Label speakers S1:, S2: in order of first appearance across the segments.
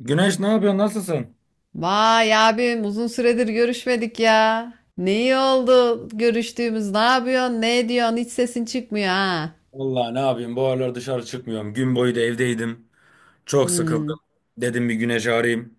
S1: Güneş, ne yapıyorsun? Nasılsın?
S2: Vay abim uzun süredir görüşmedik ya. Ne iyi oldu görüştüğümüz. Ne yapıyorsun? Ne ediyorsun? Hiç sesin çıkmıyor ha.
S1: Vallahi ne yapayım? Bu aralar dışarı çıkmıyorum. Gün boyu da evdeydim. Çok sıkıldım.
S2: Hmm.
S1: Dedim bir Güneş'i arayayım.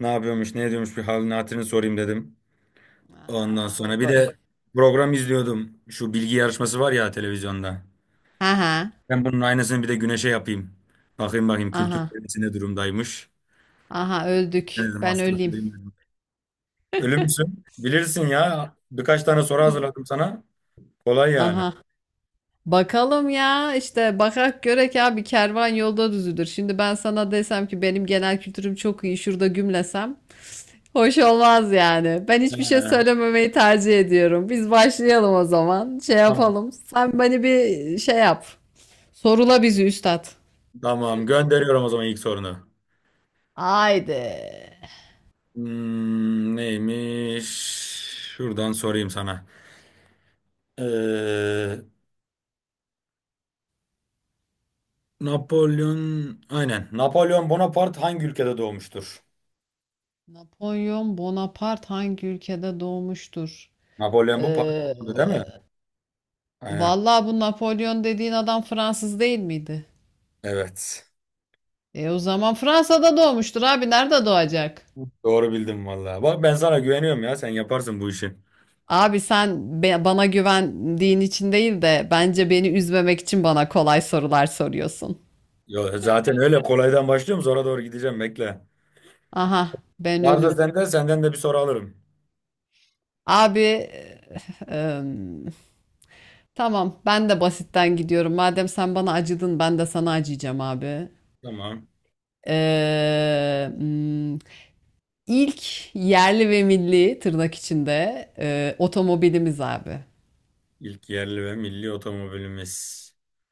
S1: Ne yapıyormuş, ne ediyormuş bir halini hatırını sorayım dedim. Ondan
S2: Aa, goy
S1: sonra bir
S2: goy.
S1: de program izliyordum. Şu bilgi yarışması var ya televizyonda.
S2: Aha.
S1: Ben bunun aynısını bir de Güneş'e yapayım. Bakayım bakayım kültür
S2: Aha.
S1: seviyesi ne durumdaymış.
S2: Aha öldük.
S1: Dedim
S2: Ben
S1: hasta
S2: öleyim.
S1: kılayım dedim. Ölü müsün? Bilirsin ya. Birkaç tane soru hazırladım sana. Kolay yani.
S2: Aha. Bakalım ya işte bakak görek abi, kervan yolda düzülür. Şimdi ben sana desem ki benim genel kültürüm çok iyi, şurada gümlesem hoş olmaz yani. Ben
S1: He,
S2: hiçbir şey söylememeyi tercih ediyorum. Biz başlayalım o zaman. Şey
S1: tamam.
S2: yapalım. Sen beni bir şey yap. Sorula bizi üstad.
S1: Tamam. Gönderiyorum o zaman ilk sorunu.
S2: Haydi.
S1: Neymiş? Şuradan sorayım sana. Ee, Napolyon, aynen. Napolyon Bonaparte hangi ülkede doğmuştur?
S2: Napolyon Bonaparte hangi ülkede doğmuştur?
S1: Napolyon bu
S2: Ee,
S1: Paris'te değil mi? Aynen.
S2: vallahi bu Napolyon dediğin adam Fransız değil miydi?
S1: Evet.
S2: E o zaman Fransa'da doğmuştur abi. Nerede doğacak?
S1: Doğru bildim vallahi. Bak ben sana güveniyorum ya. Sen yaparsın bu işi.
S2: Abi sen bana güvendiğin için değil de bence beni üzmemek için bana kolay sorular soruyorsun.
S1: Yo, zaten öyle kolaydan başlıyorum. Sonra doğru gideceğim. Bekle.
S2: Aha ben
S1: Varsa
S2: ölüm.
S1: sende, senden de bir soru alırım.
S2: Abi em, tamam ben de basitten gidiyorum. Madem sen bana acıdın ben de sana acıyacağım abi.
S1: Tamam.
S2: Ee, hmm, ilk yerli ve milli, tırnak içinde, otomobilimiz abi.
S1: İlk yerli ve milli otomobilimiz.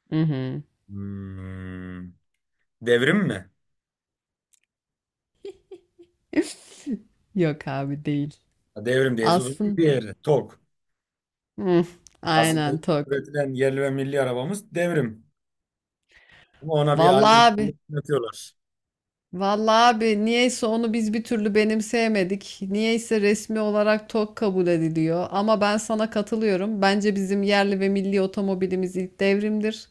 S2: Hı hı.
S1: Hmm. Devrim mi?
S2: Yok abi değil.
S1: Devrim diye uzun
S2: Aslında
S1: bir yeri. Tok.
S2: Hı,
S1: Aslında
S2: aynen tok.
S1: üretilen yerli ve milli arabamız devrim. Ama ona bir
S2: Vallahi
S1: allem
S2: abi
S1: atıyorlar.
S2: Vallahi abi niyeyse onu biz bir türlü benimseyemedik. Niyeyse resmi olarak TOG kabul ediliyor. Ama ben sana katılıyorum. Bence bizim yerli ve milli otomobilimiz ilk devrimdir.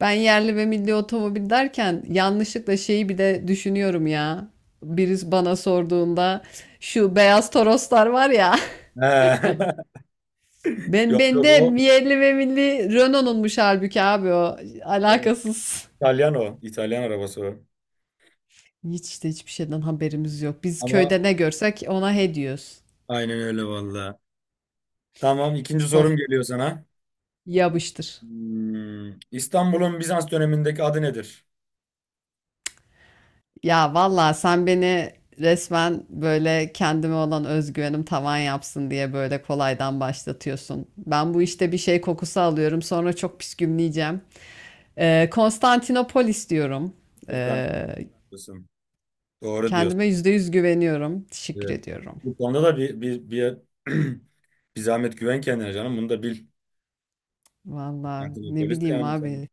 S2: Ben yerli ve milli otomobil derken yanlışlıkla şeyi bir de düşünüyorum ya. Birisi bana sorduğunda şu beyaz Toroslar var ya.
S1: He.
S2: Ben
S1: Yok,
S2: bende
S1: yok o.
S2: yerli ve milli Renault'unmuş halbuki abi o.
S1: Evet,
S2: Alakasız.
S1: İtalyan o. İtalyan arabası o.
S2: Hiç işte, hiçbir şeyden haberimiz yok. Biz
S1: Ama
S2: köyde ne görsek ona he diyoruz.
S1: aynen öyle valla. Tamam, ikinci
S2: Sor.
S1: sorum geliyor sana.
S2: Yapıştır.
S1: İstanbul'un Bizans dönemindeki adı nedir?
S2: Ya vallahi sen beni resmen böyle, kendime olan özgüvenim tavan yapsın diye böyle kolaydan başlatıyorsun. Ben bu işte bir şey kokusu alıyorum, sonra çok püskümleyeceğim. Konstantinopolis diyorum.
S1: Sultan
S2: Ee,
S1: diyorsun. Doğru diyorsun.
S2: kendime %100 güveniyorum. Teşekkür
S1: Evet.
S2: ediyorum.
S1: Bu konuda da bir zahmet güven kendine canım. Bunu da bil.
S2: Vallahi ne
S1: Konstantinopolis de
S2: bileyim
S1: yani. Sen
S2: abi.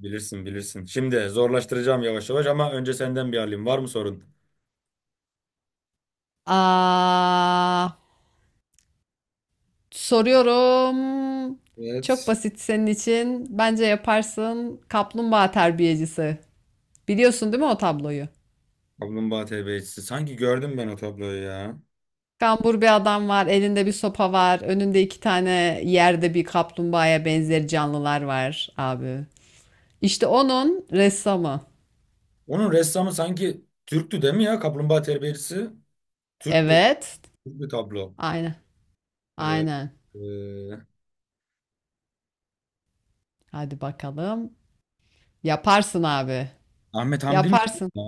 S1: bilirsin bilirsin. Şimdi zorlaştıracağım yavaş yavaş, ama önce senden bir alayım. Var mı sorun?
S2: Aa, soruyorum. Çok
S1: Evet.
S2: basit senin için. Bence yaparsın. Kaplumbağa terbiyecisi. Biliyorsun değil mi o tabloyu?
S1: Kaplumbağa terbiyecisi. Sanki gördüm ben o tabloyu ya.
S2: Kambur bir adam var, elinde bir sopa var, önünde iki tane yerde bir kaplumbağaya benzer canlılar var abi. İşte onun ressamı.
S1: Onun ressamı sanki Türktü değil mi ya? Kaplumbağa terbiyecisi. Türk bir,
S2: Evet.
S1: Türk bir tablo.
S2: Aynen.
S1: Ee,
S2: Aynen.
S1: e,
S2: Hadi bakalım. Yaparsın abi.
S1: Ahmet Hamdi mi?
S2: Yaparsın.
S1: Ya?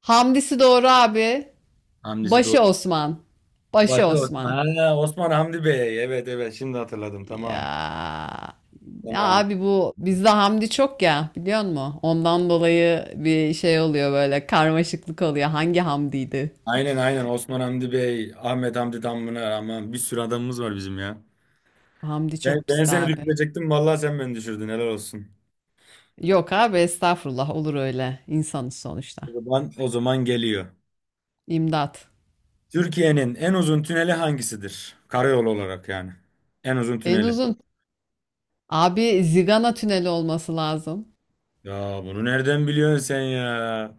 S2: Hamdisi doğru abi.
S1: Hamdi'si doğru.
S2: Başı Osman. Başı
S1: Başı
S2: Osman.
S1: Osman. Ha, Osman Hamdi Bey. Evet, evet, şimdi hatırladım. Tamam.
S2: Ya. Ya
S1: Tamam.
S2: abi bu bizde Hamdi çok ya, biliyor musun? Ondan dolayı bir şey oluyor, böyle karmaşıklık oluyor. Hangi Hamdi'ydi?
S1: Aynen aynen Osman Hamdi Bey. Ahmet Hamdi Tanpınar. Aman bir sürü adamımız var bizim ya.
S2: Hamdi çok
S1: Ben
S2: pisti
S1: seni
S2: abi.
S1: düşürecektim. Vallahi sen beni düşürdün. Helal olsun.
S2: Yok abi estağfurullah, olur öyle. İnsanız sonuçta.
S1: O zaman geliyor.
S2: İmdat.
S1: Türkiye'nin en uzun tüneli hangisidir? Karayolu olarak yani. En uzun
S2: En
S1: tüneli.
S2: uzun. Abi Zigana tüneli olması lazım.
S1: Ya bunu nereden biliyorsun sen ya?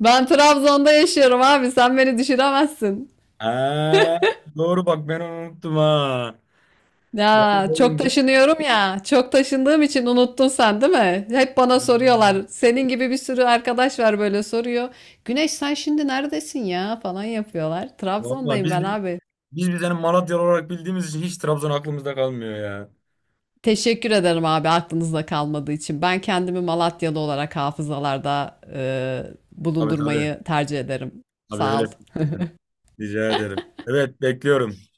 S2: Ben Trabzon'da yaşıyorum abi, sen beni düşüremezsin.
S1: Ha, doğru, bak ben onu unuttum ha. Ben
S2: Ya çok
S1: bunu
S2: taşınıyorum ya. Çok taşındığım için unuttun sen değil mi? Hep bana soruyorlar. Senin gibi bir sürü arkadaş var böyle soruyor. Güneş sen şimdi neredesin ya falan yapıyorlar.
S1: vallahi
S2: Trabzon'dayım
S1: biz
S2: ben abi.
S1: biz biz hani Malatyalı olarak bildiğimiz için hiç Trabzon aklımızda kalmıyor ya.
S2: Teşekkür ederim abi aklınızda kalmadığı için. Ben kendimi Malatyalı olarak hafızalarda
S1: Tabii tabii.
S2: bulundurmayı tercih ederim.
S1: Tabii
S2: Sağ ol.
S1: öyle. Rica ederim. Evet, bekliyorum.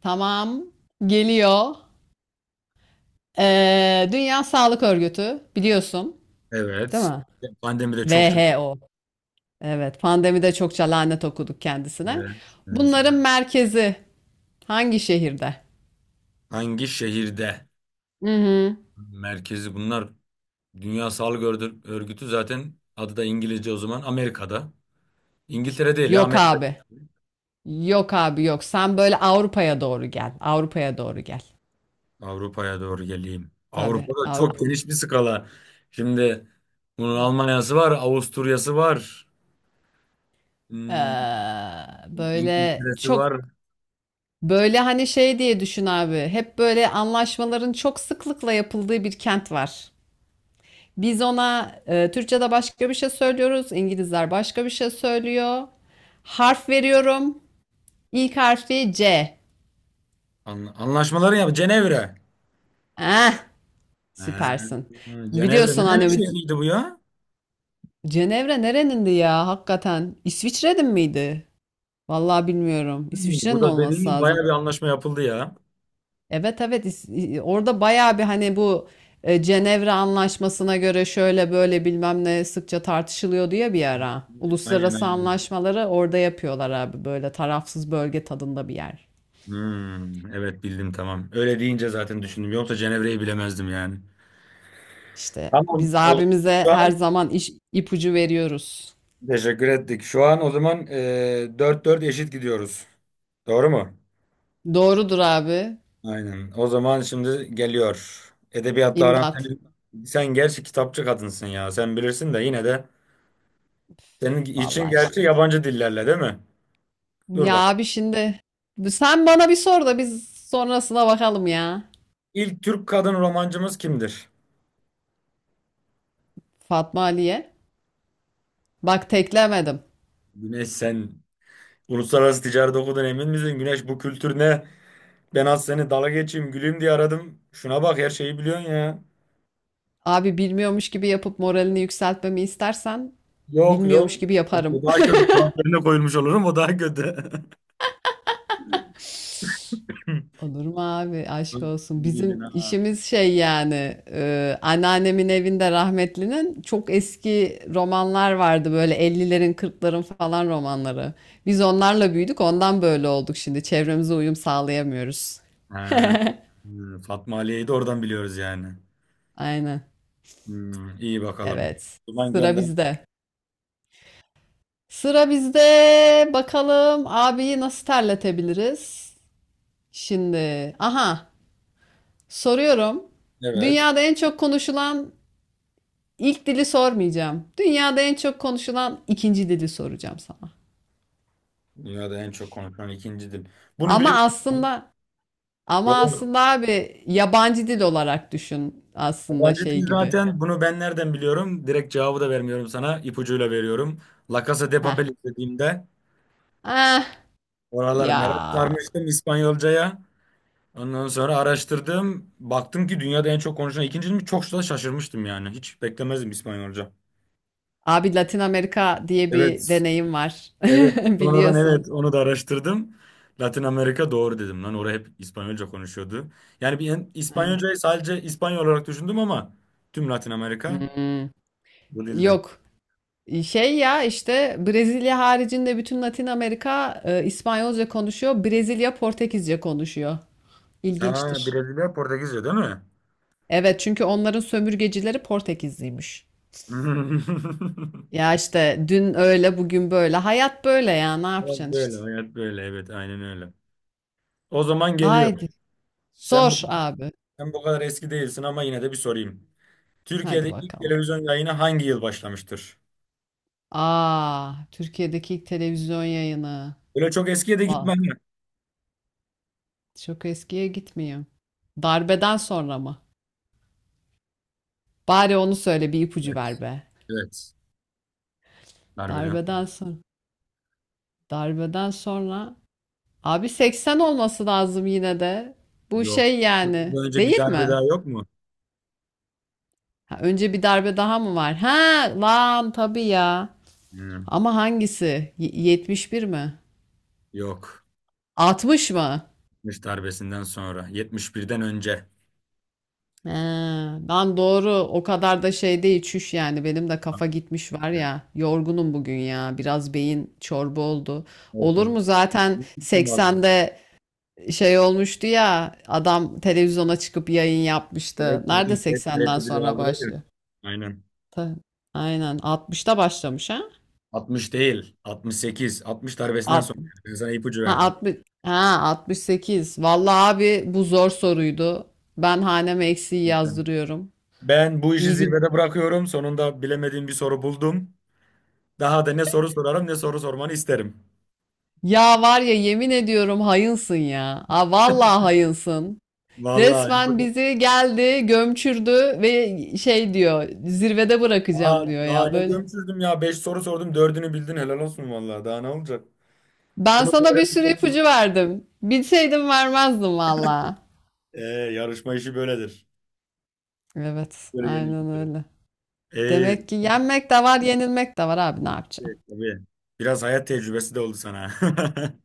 S2: Tamam. Geliyor. E, Dünya Sağlık Örgütü biliyorsun, değil
S1: Evet.
S2: mi?
S1: Pandemi de çok çok.
S2: WHO. Evet, pandemide çokça lanet okuduk kendisine.
S1: Evet, kendisi.
S2: Bunların merkezi hangi şehirde?
S1: Hangi şehirde?
S2: Hı hı.
S1: Merkezi bunlar. Dünya Örgütü, zaten adı da İngilizce, o zaman Amerika'da. İngiltere değil ya,
S2: Yok
S1: Amerika.
S2: abi. Yok abi, yok. Sen böyle Avrupa'ya doğru gel. Avrupa'ya doğru gel.
S1: Avrupa'ya doğru geleyim.
S2: Tabii
S1: Avrupa'da
S2: Avrupa.
S1: çok geniş bir skala. Şimdi bunun Almanya'sı var, Avusturya'sı var.
S2: Ee,
S1: Hmm,
S2: böyle
S1: İngiltere'si
S2: çok
S1: var.
S2: böyle hani şey diye düşün abi. Hep böyle anlaşmaların çok sıklıkla yapıldığı bir kent var. Biz ona Türkçe'de başka bir şey söylüyoruz. İngilizler başka bir şey söylüyor. Harf veriyorum. İlk harfi C.
S1: Anlaşmaları yap. Cenevre.
S2: Eh,
S1: Ha,
S2: süpersin.
S1: Cenevre.
S2: Biliyorsun
S1: Ne
S2: hani bu-
S1: şehriydi bu ya?
S2: Cenevre nerenindi ya hakikaten? İsviçre'nin miydi? Vallahi bilmiyorum. İsviçre'nin
S1: Burada dediğim
S2: olması
S1: gibi bayağı
S2: lazım.
S1: bir anlaşma yapıldı ya.
S2: Evet, evet, orada bayağı bir, hani bu Cenevre Anlaşması'na göre şöyle böyle bilmem ne sıkça tartışılıyor diye bir ara.
S1: Aynen
S2: Uluslararası
S1: aynen.
S2: anlaşmaları orada yapıyorlar abi, böyle tarafsız bölge tadında bir yer.
S1: Evet, bildim, tamam. Öyle deyince zaten düşündüm. Yoksa Cenevre'yi bilemezdim yani.
S2: İşte
S1: Tamam.
S2: biz
S1: Olur.
S2: abimize
S1: Şu
S2: her
S1: an
S2: zaman iş, ipucu veriyoruz.
S1: teşekkür ettik. Şu an o zaman dört 4 eşit gidiyoruz. Doğru mu?
S2: Doğrudur abi.
S1: Aynen. O zaman şimdi geliyor. Edebiyatla aran
S2: İmdat.
S1: sen, sen gerçi kitapçı kadınsın ya. Sen bilirsin de yine de senin için
S2: Vallahi işte.
S1: gerçi yabancı dillerle, değil mi? Dur
S2: Ya
S1: bakalım.
S2: abi şimdi sen bana bir sor da biz sonrasına bakalım ya.
S1: İlk Türk kadın romancımız kimdir?
S2: Fatma Ali'ye. Bak teklemedim.
S1: Güneş, sen uluslararası ticaret okudun, emin misin? Güneş, bu kültür ne? Ben az seni dala geçeyim güleyim diye aradım. Şuna bak, her şeyi biliyorsun ya.
S2: Abi bilmiyormuş gibi yapıp moralini yükseltmemi istersen
S1: Yok,
S2: bilmiyormuş
S1: yok.
S2: gibi
S1: O
S2: yaparım.
S1: daha kötü falan yerine koyulmuş olurum, o daha kötü.
S2: Olur mu abi, aşk olsun.
S1: İyi
S2: Bizim
S1: bildin ha.
S2: işimiz şey yani, anneannemin evinde, rahmetlinin, çok eski romanlar vardı böyle, 50'lerin 40'ların falan romanları. Biz onlarla büyüdük, ondan böyle olduk, şimdi çevremize uyum sağlayamıyoruz.
S1: Ha. Fatma Aliye'yi de oradan biliyoruz yani.
S2: Aynen.
S1: İyi bakalım.
S2: Evet.
S1: Ulan
S2: Sıra
S1: gönder.
S2: bizde. Sıra bizde. Bakalım abiyi nasıl terletebiliriz? Şimdi. Aha. Soruyorum.
S1: Evet.
S2: Dünyada en çok konuşulan ilk dili sormayacağım. Dünyada en çok konuşulan ikinci dili soracağım sana.
S1: Dünyada en çok konuşulan ikinci dil. Bunu
S2: Ama
S1: biliyorsun.
S2: aslında ama
S1: Yok.
S2: aslında abi yabancı dil olarak düşün, aslında
S1: Yabancı
S2: şey
S1: dil
S2: gibi.
S1: zaten, bunu ben nereden biliyorum? Direkt cevabı da vermiyorum sana. İpucuyla veriyorum. La Casa de
S2: Heh.
S1: Papel izlediğimde
S2: Ah
S1: oralar,
S2: ya.
S1: merak sarmıştım İspanyolcaya. Ondan sonra araştırdım. Baktım ki dünyada en çok konuşulan ikinciymiş. Çok da şaşırmıştım yani. Hiç beklemezdim İspanyolca.
S2: Abi Latin Amerika diye bir
S1: Evet.
S2: deneyim var.
S1: Evet. Sonradan,
S2: Biliyorsun.
S1: evet, onu da araştırdım. Latin Amerika, doğru dedim lan. Orada hep İspanyolca konuşuyordu. Yani bir
S2: Aynen.
S1: İspanyolcayı sadece İspanyol olarak düşündüm, ama tüm Latin Amerika
S2: Hmm.
S1: bu dilden.
S2: Yok. Şey ya, işte Brezilya haricinde bütün Latin Amerika İspanyolca konuşuyor. Brezilya Portekizce konuşuyor.
S1: Ha,
S2: İlginçtir.
S1: Brezilya Portekizce değil mi?
S2: Evet, çünkü onların sömürgecileri Portekizliymiş. Ya işte, dün öyle bugün böyle. Hayat böyle ya, ne
S1: Hayat
S2: yapacaksın
S1: böyle,
S2: işte.
S1: hayat böyle. Evet, aynen öyle. O zaman geliyor.
S2: Haydi
S1: Sen bu,
S2: sor abi.
S1: sen bu kadar eski değilsin, ama yine de bir sorayım. Türkiye'de
S2: Hadi
S1: ilk
S2: bakalım.
S1: televizyon yayını hangi yıl başlamıştır?
S2: Aa, Türkiye'deki ilk televizyon yayını.
S1: Öyle çok eskiye de
S2: Vallahi
S1: gitmem ya.
S2: çok eskiye gitmiyor. Darbeden sonra mı? Bari onu söyle, bir ipucu
S1: Evet.
S2: ver be.
S1: Evet. Darbeden.
S2: Darbeden
S1: sonra.
S2: sonra. Darbeden sonra abi 80 olması lazım yine de. Bu
S1: Yok.
S2: şey yani,
S1: Ondan önce bir
S2: değil
S1: darbe
S2: mi?
S1: daha yok mu?
S2: Ha, önce bir darbe daha mı var? Ha lan tabii ya.
S1: Hmm,
S2: Ama hangisi? 71 mi?
S1: Yok.
S2: 60 mı?
S1: 70 darbesinden sonra. 71'den önce.
S2: He, lan doğru, o kadar da şey değil, çüş yani benim de kafa gitmiş var
S1: Evet.
S2: ya, yorgunum bugün ya, biraz beyin çorba oldu. Olur
S1: Olsun.
S2: mu, zaten
S1: İyi gittin valla.
S2: 80'de şey olmuştu ya, adam televizyona çıkıp yayın
S1: Evet
S2: yapmıştı. Nerede
S1: dedim. Hep
S2: 80'den
S1: TRT biri
S2: sonra
S1: aldılar ya.
S2: başlıyor?
S1: Aynen.
S2: Ta- Aynen 60'ta başlamış ha?
S1: 60 değil. 68. 60 darbesinden
S2: Alt-
S1: sonra. Ben sana ipucu
S2: ha
S1: verdim.
S2: 60 ha 68. Vallahi abi bu zor soruydu. Ben haneme eksiği yazdırıyorum.
S1: Ben bu işi
S2: İyi gün.
S1: zirvede bırakıyorum. Sonunda bilemediğim bir soru buldum. Daha da ne soru sorarım, ne soru sormanı isterim.
S2: Ya var ya, yemin ediyorum hayınsın ya. Aa, vallahi hayınsın.
S1: Vallahi
S2: Resmen
S1: yapacak.
S2: bizi geldi, gömçürdü ve şey diyor, zirvede bırakacağım diyor
S1: Daha
S2: ya
S1: ne
S2: böyle.
S1: gömsüzdüm ya. Beş soru sordum, dördünü bildin, helal olsun vallahi. Daha ne olacak?
S2: Ben
S1: Bunu da
S2: sana bir
S1: öğrenmiş
S2: sürü
S1: oldun abi.
S2: ipucu verdim. Bilseydim vermezdim valla.
S1: Ee, yarışma işi böyledir.
S2: Evet,
S1: Böyle
S2: aynen
S1: yenilgileri.
S2: öyle.
S1: Ee,
S2: Demek ki yenmek de var, yenilmek de var abi, ne yapacağım?
S1: evet, tabii. Biraz hayat tecrübesi de oldu sana.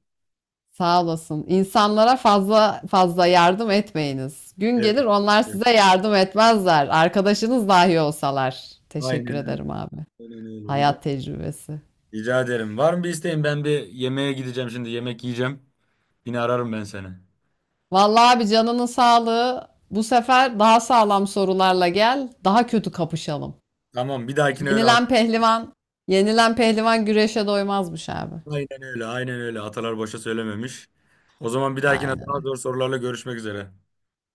S2: Sağ olasın. İnsanlara fazla fazla yardım etmeyiniz. Gün
S1: Evet,
S2: gelir onlar
S1: evet.
S2: size yardım etmezler. Arkadaşınız dahi olsalar. Teşekkür
S1: Aynen öyle.
S2: ederim abi.
S1: Aynen öyle.
S2: Hayat tecrübesi.
S1: Rica ederim. Var mı bir isteğin? Ben bir yemeğe gideceğim şimdi. Yemek yiyeceğim. Yine ararım ben seni.
S2: Vallahi abi canının sağlığı. Bu sefer daha sağlam sorularla gel. Daha kötü kapışalım.
S1: Tamam, bir dahakine öyle.
S2: Yenilen pehlivan, yenilen pehlivan güreşe doymazmış abi.
S1: Aynen öyle, aynen öyle. Atalar boşa söylememiş. O zaman bir dahakine
S2: Aynen
S1: daha
S2: öyle.
S1: zor sorularla görüşmek üzere.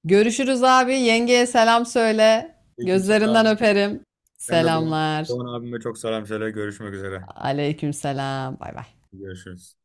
S2: Görüşürüz abi. Yengeye selam söyle. Gözlerinden
S1: Aleykümselam.
S2: öperim.
S1: Sen de
S2: Selamlar.
S1: Doğan abime çok selam söyle. Görüşmek üzere.
S2: Aleyküm selam. Bay bay.
S1: Görüşürüz.